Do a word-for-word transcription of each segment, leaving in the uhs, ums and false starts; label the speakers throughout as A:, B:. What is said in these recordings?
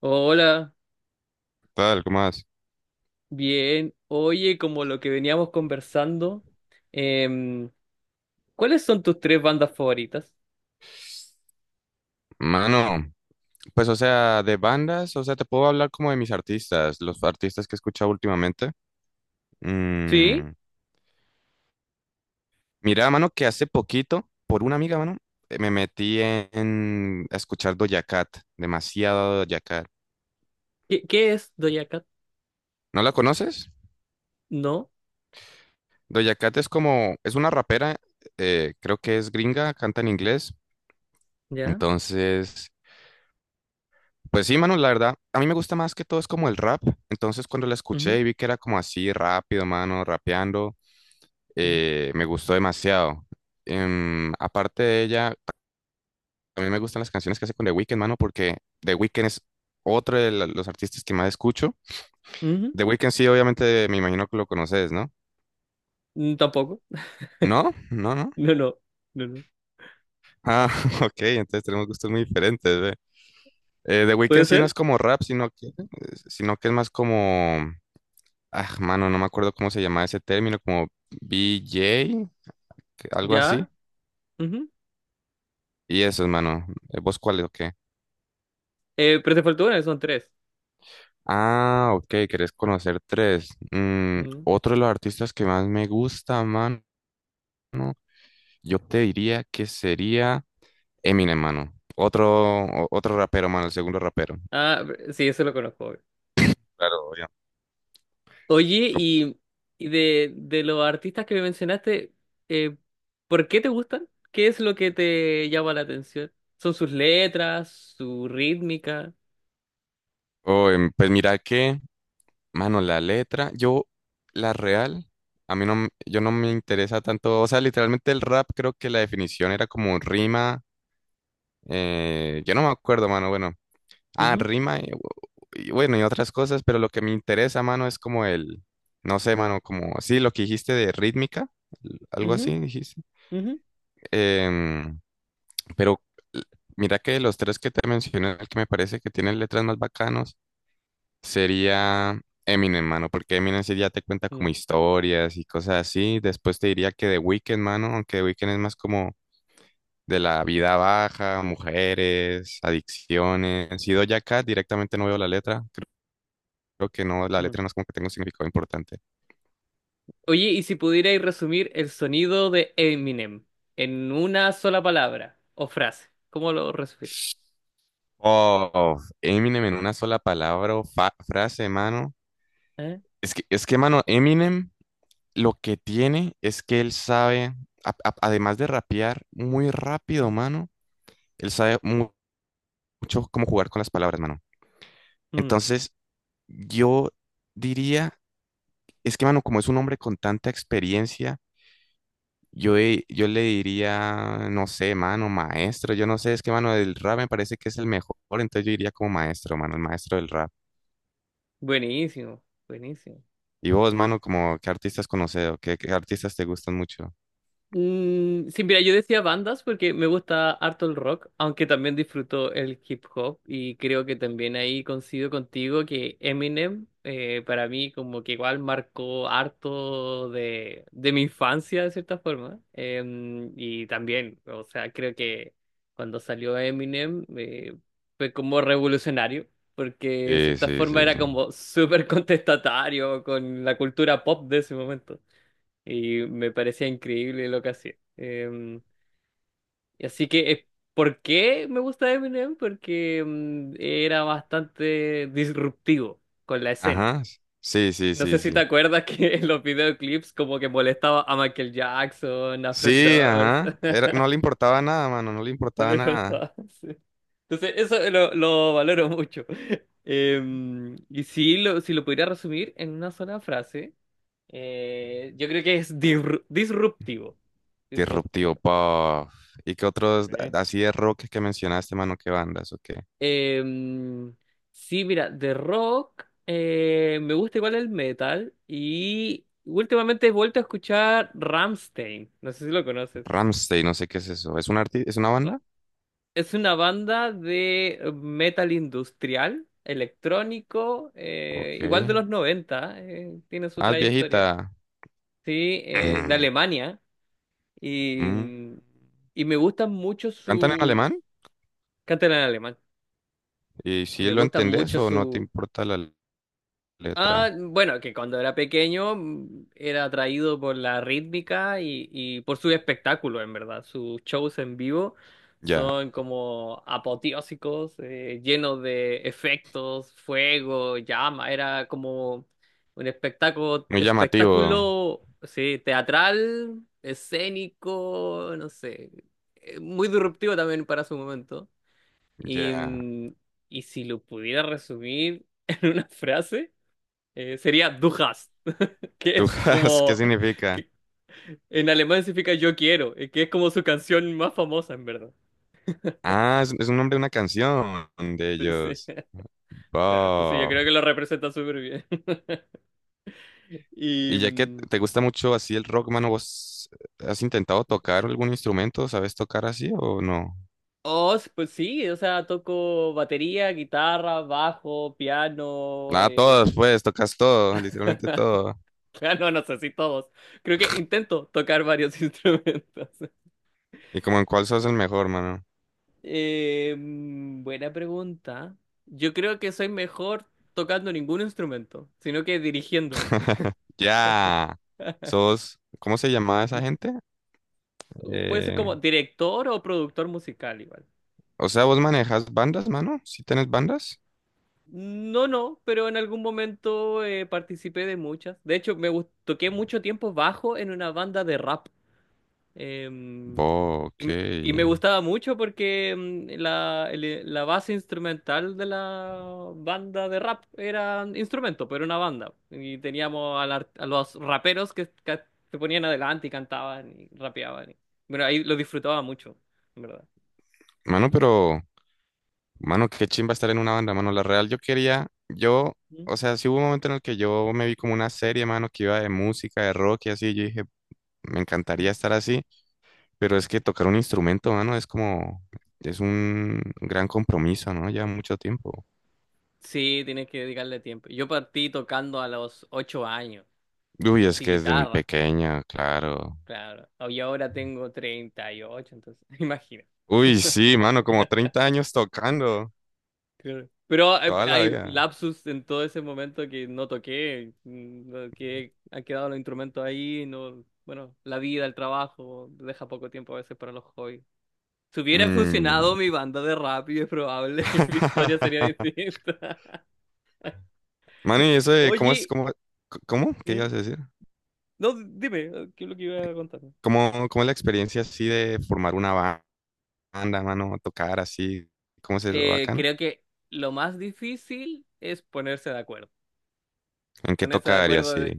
A: Hola,
B: Tal, ¿cómo vas?
A: bien. Oye, como lo que veníamos conversando, em, ¿cuáles son tus tres bandas favoritas?
B: Mano, pues o sea, de bandas, o sea, te puedo hablar como de mis artistas, los artistas que he escuchado últimamente.
A: ¿Sí?
B: Mm, Mira, mano, que hace poquito, por una amiga, mano, eh, me metí en, en a escuchar Doja Cat, demasiado Doja Cat.
A: ¿Qué, qué es Doja Cat?
B: ¿No la conoces?
A: No,
B: Doja Cat es como, es una rapera, eh, creo que es gringa, canta en inglés.
A: ya.
B: Entonces, pues sí, mano, la verdad, a mí me gusta más que todo es como el rap. Entonces, cuando la
A: Ujú,
B: escuché y vi que era como así rápido, mano, rapeando.
A: ujú,
B: eh, me gustó demasiado. Em, aparte de ella, también me gustan las canciones que hace con The Weeknd, mano, porque The Weeknd es otro de la- los artistas que más escucho.
A: ujú.
B: The Weeknd sí, obviamente, me imagino que lo conoces, ¿no?
A: Mm, tampoco.
B: ¿No? ¿No, no?
A: No, no, no, no.
B: Ah, ok, entonces tenemos gustos muy diferentes, ve. Eh, The Weeknd
A: ¿Puede
B: sí no es
A: ser?
B: como rap, sino que,
A: Ujú.
B: sino que es más como. Ah, mano, no me acuerdo cómo se llama ese término, como B J, que- algo así.
A: ¿Ya? Ujú.
B: Y eso, mano. Eh, ¿Vos cuál es? Ok.
A: Eh, pero te faltó una, son tres.
B: Ah, ok, querés conocer tres. Mm,
A: Ujú.
B: otro de los artistas que más me gusta, man, yo te diría que sería Eminem, mano. Otro, o- otro rapero, mano, el segundo rapero.
A: Ah, sí, eso lo conozco.
B: Claro, obvio.
A: Oye,
B: Co-
A: y, y de, de los artistas que me mencionaste, eh, ¿por qué te gustan? ¿Qué es lo que te llama la atención? ¿Son sus letras, su rítmica?
B: Oh, em, pues mira que, mano, la letra, yo, la real, a mí no, m- yo no me interesa tanto, o sea, literalmente el rap creo que la definición era como rima, eh, yo no me acuerdo, mano, bueno, Ah,
A: Ujú,
B: rima y, y bueno, y otras cosas, pero lo que me interesa, mano, es como el, no sé, mano, como, sí, lo que dijiste de rítmica, l- algo
A: ujú,
B: así dijiste.
A: ujú,
B: Em, pero l- mira que de los tres que te mencioné, el que me parece que tiene letras más bacanos sería Eminem, mano, porque Eminem sí ya te cuenta como
A: mm,
B: historias y cosas así. Después te diría que The Weeknd, mano, aunque The Weeknd es más como de la vida baja, mujeres, adicciones. Y Doja Cat directamente no veo la letra. Creo que no, la
A: mm.
B: letra no es como que tenga un significado importante.
A: Oye, y si pudierais resumir el sonido de Eminem en una sola palabra o frase, ¿cómo lo resumirías?
B: Oh, Eminem en una sola palabra o fa- frase, mano.
A: ¿Eh?
B: Es que, es que, mano, Eminem lo que tiene es que él sabe, a- a- además de rapear muy rápido, mano, él sabe mu- mucho cómo jugar con las palabras, mano.
A: Mm,
B: Entonces, yo diría, es que, mano, como es un hombre con tanta experiencia. Yo, he- yo le diría, no sé, mano, maestro, yo no sé, es que mano del rap me parece que es el mejor, entonces yo iría como maestro, mano, el maestro del rap.
A: buenísimo, buenísimo.
B: Y vos, mano, como qué artistas conoces o qué, qué artistas te gustan mucho.
A: Mm, sí, mira, yo decía bandas porque me gusta harto el rock, aunque también disfruto el hip hop y creo que también ahí coincido contigo que Eminem eh, para mí como que igual marcó harto de, de mi infancia de cierta forma. Em, y también, o sea, creo que cuando salió Eminem eh, fue como revolucionario. Porque de
B: Sí,
A: cierta
B: sí,
A: forma
B: sí,
A: era
B: sí.
A: como súper contestatario con la cultura pop de ese momento y me parecía increíble lo que hacía. Em, y así que, eh, ¿por qué me gusta Eminem? Porque em, era bastante disruptivo con la escena.
B: Ajá. Sí, sí,
A: No sé
B: sí,
A: si te
B: sí.
A: acuerdas que en los videoclips como que molestaba a Michael Jackson, a Fred
B: Sí,
A: Durst,
B: ajá. Era- no le importaba nada, mano, no le
A: no le
B: importaba nada.
A: importaba. Sí. Entonces, eso lo, lo valoro mucho. Em, y si lo, si lo pudiera resumir en una sola frase, eh, yo creo que es disru- disruptivo.
B: Disruptivo
A: Disruptivo.
B: Puff. ¿Y qué otros
A: Sí.
B: a- así de rock que mencionaste, mano? ¿Qué bandas o qué?
A: Em, sí, mira, de rock eh, me gusta igual el metal y últimamente he vuelto a escuchar Ramstein. No sé si lo conoces.
B: Ramstein, no sé qué es eso. ¿Es un arti- es una banda?
A: Es una banda de metal industrial, electrónico, eh,
B: Ok.
A: igual de los noventa eh, tiene su
B: Ah, es
A: trayectoria,
B: viejita.
A: sí, eh, de
B: Ujú.
A: Alemania y,
B: Mm.
A: mm, y me gustan mucho
B: ¿Cantan en alemán?
A: sus... Cantan en alemán.
B: ¿Y si
A: Me
B: lo
A: gustan
B: entendés
A: mucho
B: o no te
A: sus.
B: importa la letra?
A: Ah, bueno, que cuando era pequeño mm, era atraído por la rítmica y, y por su espectáculo, en verdad. Sus shows en vivo
B: Ya,
A: son como apoteósicos, eh, llenos de efectos, fuego, llama. Era como un espectáculo,
B: muy llamativo.
A: espectáculo, sí, teatral, escénico, no sé, eh, muy disruptivo también para su momento. Y,
B: Ya.
A: mm, y si lo pudiera resumir en una frase eh, sería Du hast, que es
B: ¿Tujas? ¿Qué
A: como,
B: significa?
A: que en alemán significa yo quiero, eh, que es como su canción más famosa en verdad.
B: Ah, es, es un nombre de una canción de
A: Sí, sí.
B: ellos.
A: Claro, entonces yo
B: Wow.
A: creo que lo representa súper bien. Y,
B: Y ya que
A: mm,
B: te gusta mucho así el rock, mano, ¿vos has intentado tocar algún instrumento? ¿Sabes tocar así o no?
A: oh, s- pues sí, o sea, toco batería, guitarra, bajo, piano,
B: Ah,
A: eh,
B: todos, pues, tocas todo, literalmente todo.
A: piano, no sé si todos. Creo que intento tocar varios instrumentos.
B: ¿Y como en cuál sos el mejor, mano?
A: Eh, mm, buena pregunta. Yo creo que soy mejor tocando ningún instrumento, sino que dirigiendo.
B: Ya. Sos, ¿cómo se llamaba esa
A: Com-
B: gente?
A: Puede ser
B: Eh,
A: como director o productor musical igual.
B: o sea, vos manejas bandas, mano. ¿Sí tenés bandas?
A: No, no, pero en algún momento eh, participé de muchas. De hecho, me gust- toqué mucho tiempo bajo en una banda de rap. Em,
B: Bo, ok.
A: y, me y me gustaba mucho porque em, la, el- la base instrumental de la banda de rap era instrumento, pero una banda. Y teníamos a, la- a los raperos que, que se ponían adelante y cantaban y rapeaban. y- bueno, ahí lo disfrutaba mucho, en verdad.
B: Mano, pero, mano, qué chimba estar en una banda, mano. La real, yo quería, yo,
A: Mm.
B: o sea, sí hubo un momento en el que yo me vi como una serie, mano, que iba de música, de rock y así. Yo dije, me
A: Mm.
B: encantaría estar así, pero es que tocar un instrumento, mano, es como, es un gran compromiso, ¿no? Lleva mucho tiempo.
A: Sí, tienes que dedicarle tiempo. Yo partí tocando a los ocho años,
B: Uy, es
A: así
B: que desde muy
A: guitarra,
B: pequeña, claro.
A: claro. Y ahora tengo treinta y ocho, entonces, imagina.
B: Uy, sí, mano, como treinta años tocando
A: Claro. Pero hay,
B: toda la
A: hay
B: vida.
A: lapsus en todo ese momento que no toqué, mm, no, que han quedado los instrumentos ahí, no, bueno, la vida, el trabajo, deja poco tiempo a veces para los hobbies. Si hubiera
B: Mm.
A: funcionado mi banda de rap, y es probable, mi historia sería distinta.
B: Mano, y eso de cómo es,
A: Oye,
B: cómo, cómo, ¿qué
A: ¿Mm?
B: ibas a decir?
A: No, dime, ¿qué es lo que iba a contar?
B: ¿Cómo, cómo es la experiencia así de formar una ba- banda, mano, tocar así? ¿Cómo es eso,
A: Eh,
B: bacano?
A: creo que lo más difícil es ponerse de acuerdo.
B: ¿En qué
A: Ponerse de
B: tocar y
A: acuerdo
B: así?
A: de,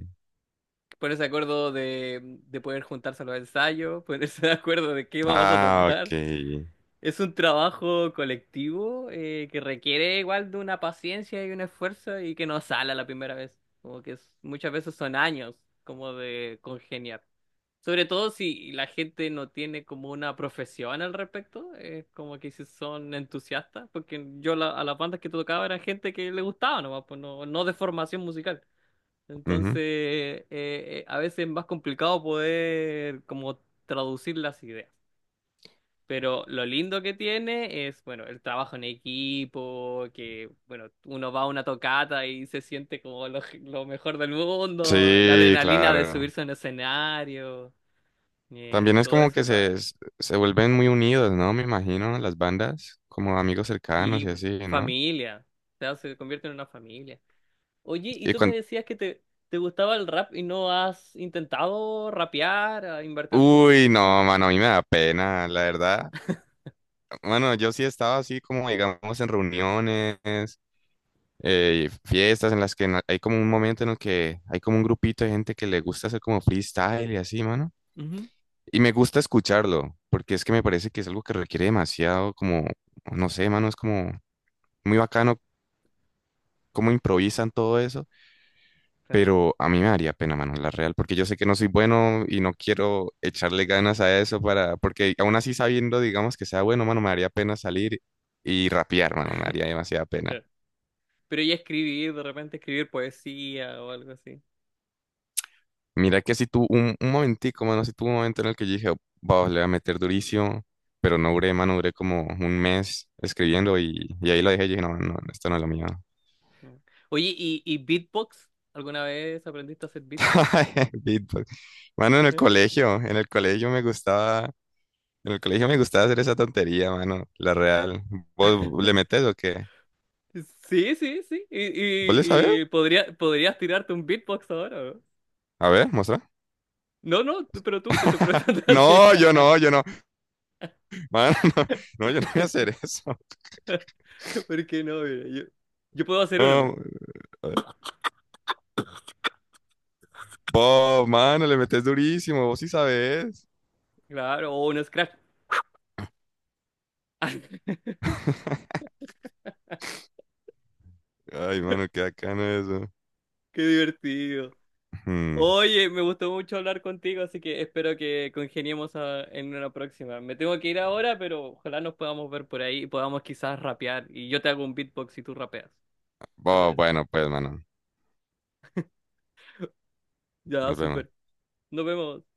A: ponerse de acuerdo de, de poder juntarse a los ensayos, ponerse de acuerdo de qué vamos a
B: Ah, ok.
A: tocar. Es un trabajo colectivo eh, que requiere igual de una paciencia y un esfuerzo y que no sale a la primera vez. Como que es- muchas veces son años como de congeniar. Sobre todo si la gente no tiene como una profesión al respecto, eh, como que si son entusiastas, porque yo la- a las bandas que tocaba era gente que le gustaba nomás, pues no, no de formación musical. Entonces,
B: Ujú.
A: eh, eh, a veces es más complicado poder como traducir las ideas. Pero lo lindo que tiene es, bueno, el trabajo en equipo, que, bueno, uno va a una tocata y se siente como lo, lo mejor del mundo, la
B: Sí,
A: adrenalina de
B: claro.
A: subirse a un escenario, eh, y
B: También es
A: todo
B: como
A: eso,
B: que se,
A: la,
B: s- se vuelven muy unidos, ¿no? Me imagino, las bandas, como amigos cercanos
A: sí,
B: y así, ¿no?
A: familia, o sea, se convierte en una familia. Oye, y
B: y
A: tú me decías que te, te gustaba el rap y no has intentado rapear, a invertir tus
B: Uy,
A: rimas.
B: no, mano, a mí me da pena, la verdad. Bueno, yo sí he estado así como, digamos, en reuniones, eh, fiestas en las que na- hay como un momento en el que hay como un grupito de gente que le gusta hacer como freestyle y así, mano.
A: Ujú.
B: Y me gusta escucharlo, porque es que me parece que es algo que requiere demasiado, como, no sé, mano, es como muy bacano cómo improvisan todo eso.
A: Claro,
B: Pero a mí me daría pena, mano, la real, porque yo sé que no soy bueno y no quiero echarle ganas a eso para, porque aún así sabiendo, digamos, que sea bueno, mano, me daría pena salir y rapear, mano, me daría demasiada pena.
A: claro. Pero ya escribir, de repente escribir poesía o algo así.
B: Mira que si tuvo un, un, momentico, mano, si tuvo un momento en el que yo dije, vamos, le voy a meter durísimo, pero no duré, mano, duré como un mes escribiendo y, y ahí lo dejé y dije, no, no, esto no es lo mío.
A: Ujú. Oye, ¿y, y beatbox? ¿Alguna vez aprendiste a hacer beatbox?
B: Beatbox. Mano, en el
A: ¿Eh?
B: colegio, en el colegio me gustaba. En el colegio me gustaba hacer esa tontería, mano. La real. ¿Vos le metes o qué?
A: Sí, sí, sí. Y,
B: ¿Vos le sabés?
A: y, y podría, podrías tirarte un beatbox ahora.
B: A ver, muestra.
A: No, no, tú- pero tú te estoy preguntando a ti.
B: No, yo no, yo no. Mano, no, no, yo no voy a hacer eso.
A: ¿Por qué no? Mira, yo, yo puedo hacer uno, pero.
B: No, a ver. Vos, mano, le metes durísimo. Vos sí sabés.
A: Claro, o un scratch.
B: Ay, mano, qué bacano eso.
A: Qué divertido.
B: Hmm.
A: Oye, me gustó mucho hablar contigo, así que espero que congeniemos a- en una próxima. Me tengo que ir ahora, pero ojalá nos podamos ver por ahí y podamos quizás rapear. Y yo te hago un beatbox y tú rapeas. ¿Te
B: Bo-
A: parece?
B: bueno, pues, mano,
A: Ya,
B: nos
A: súper.
B: vemos.
A: Nos vemos.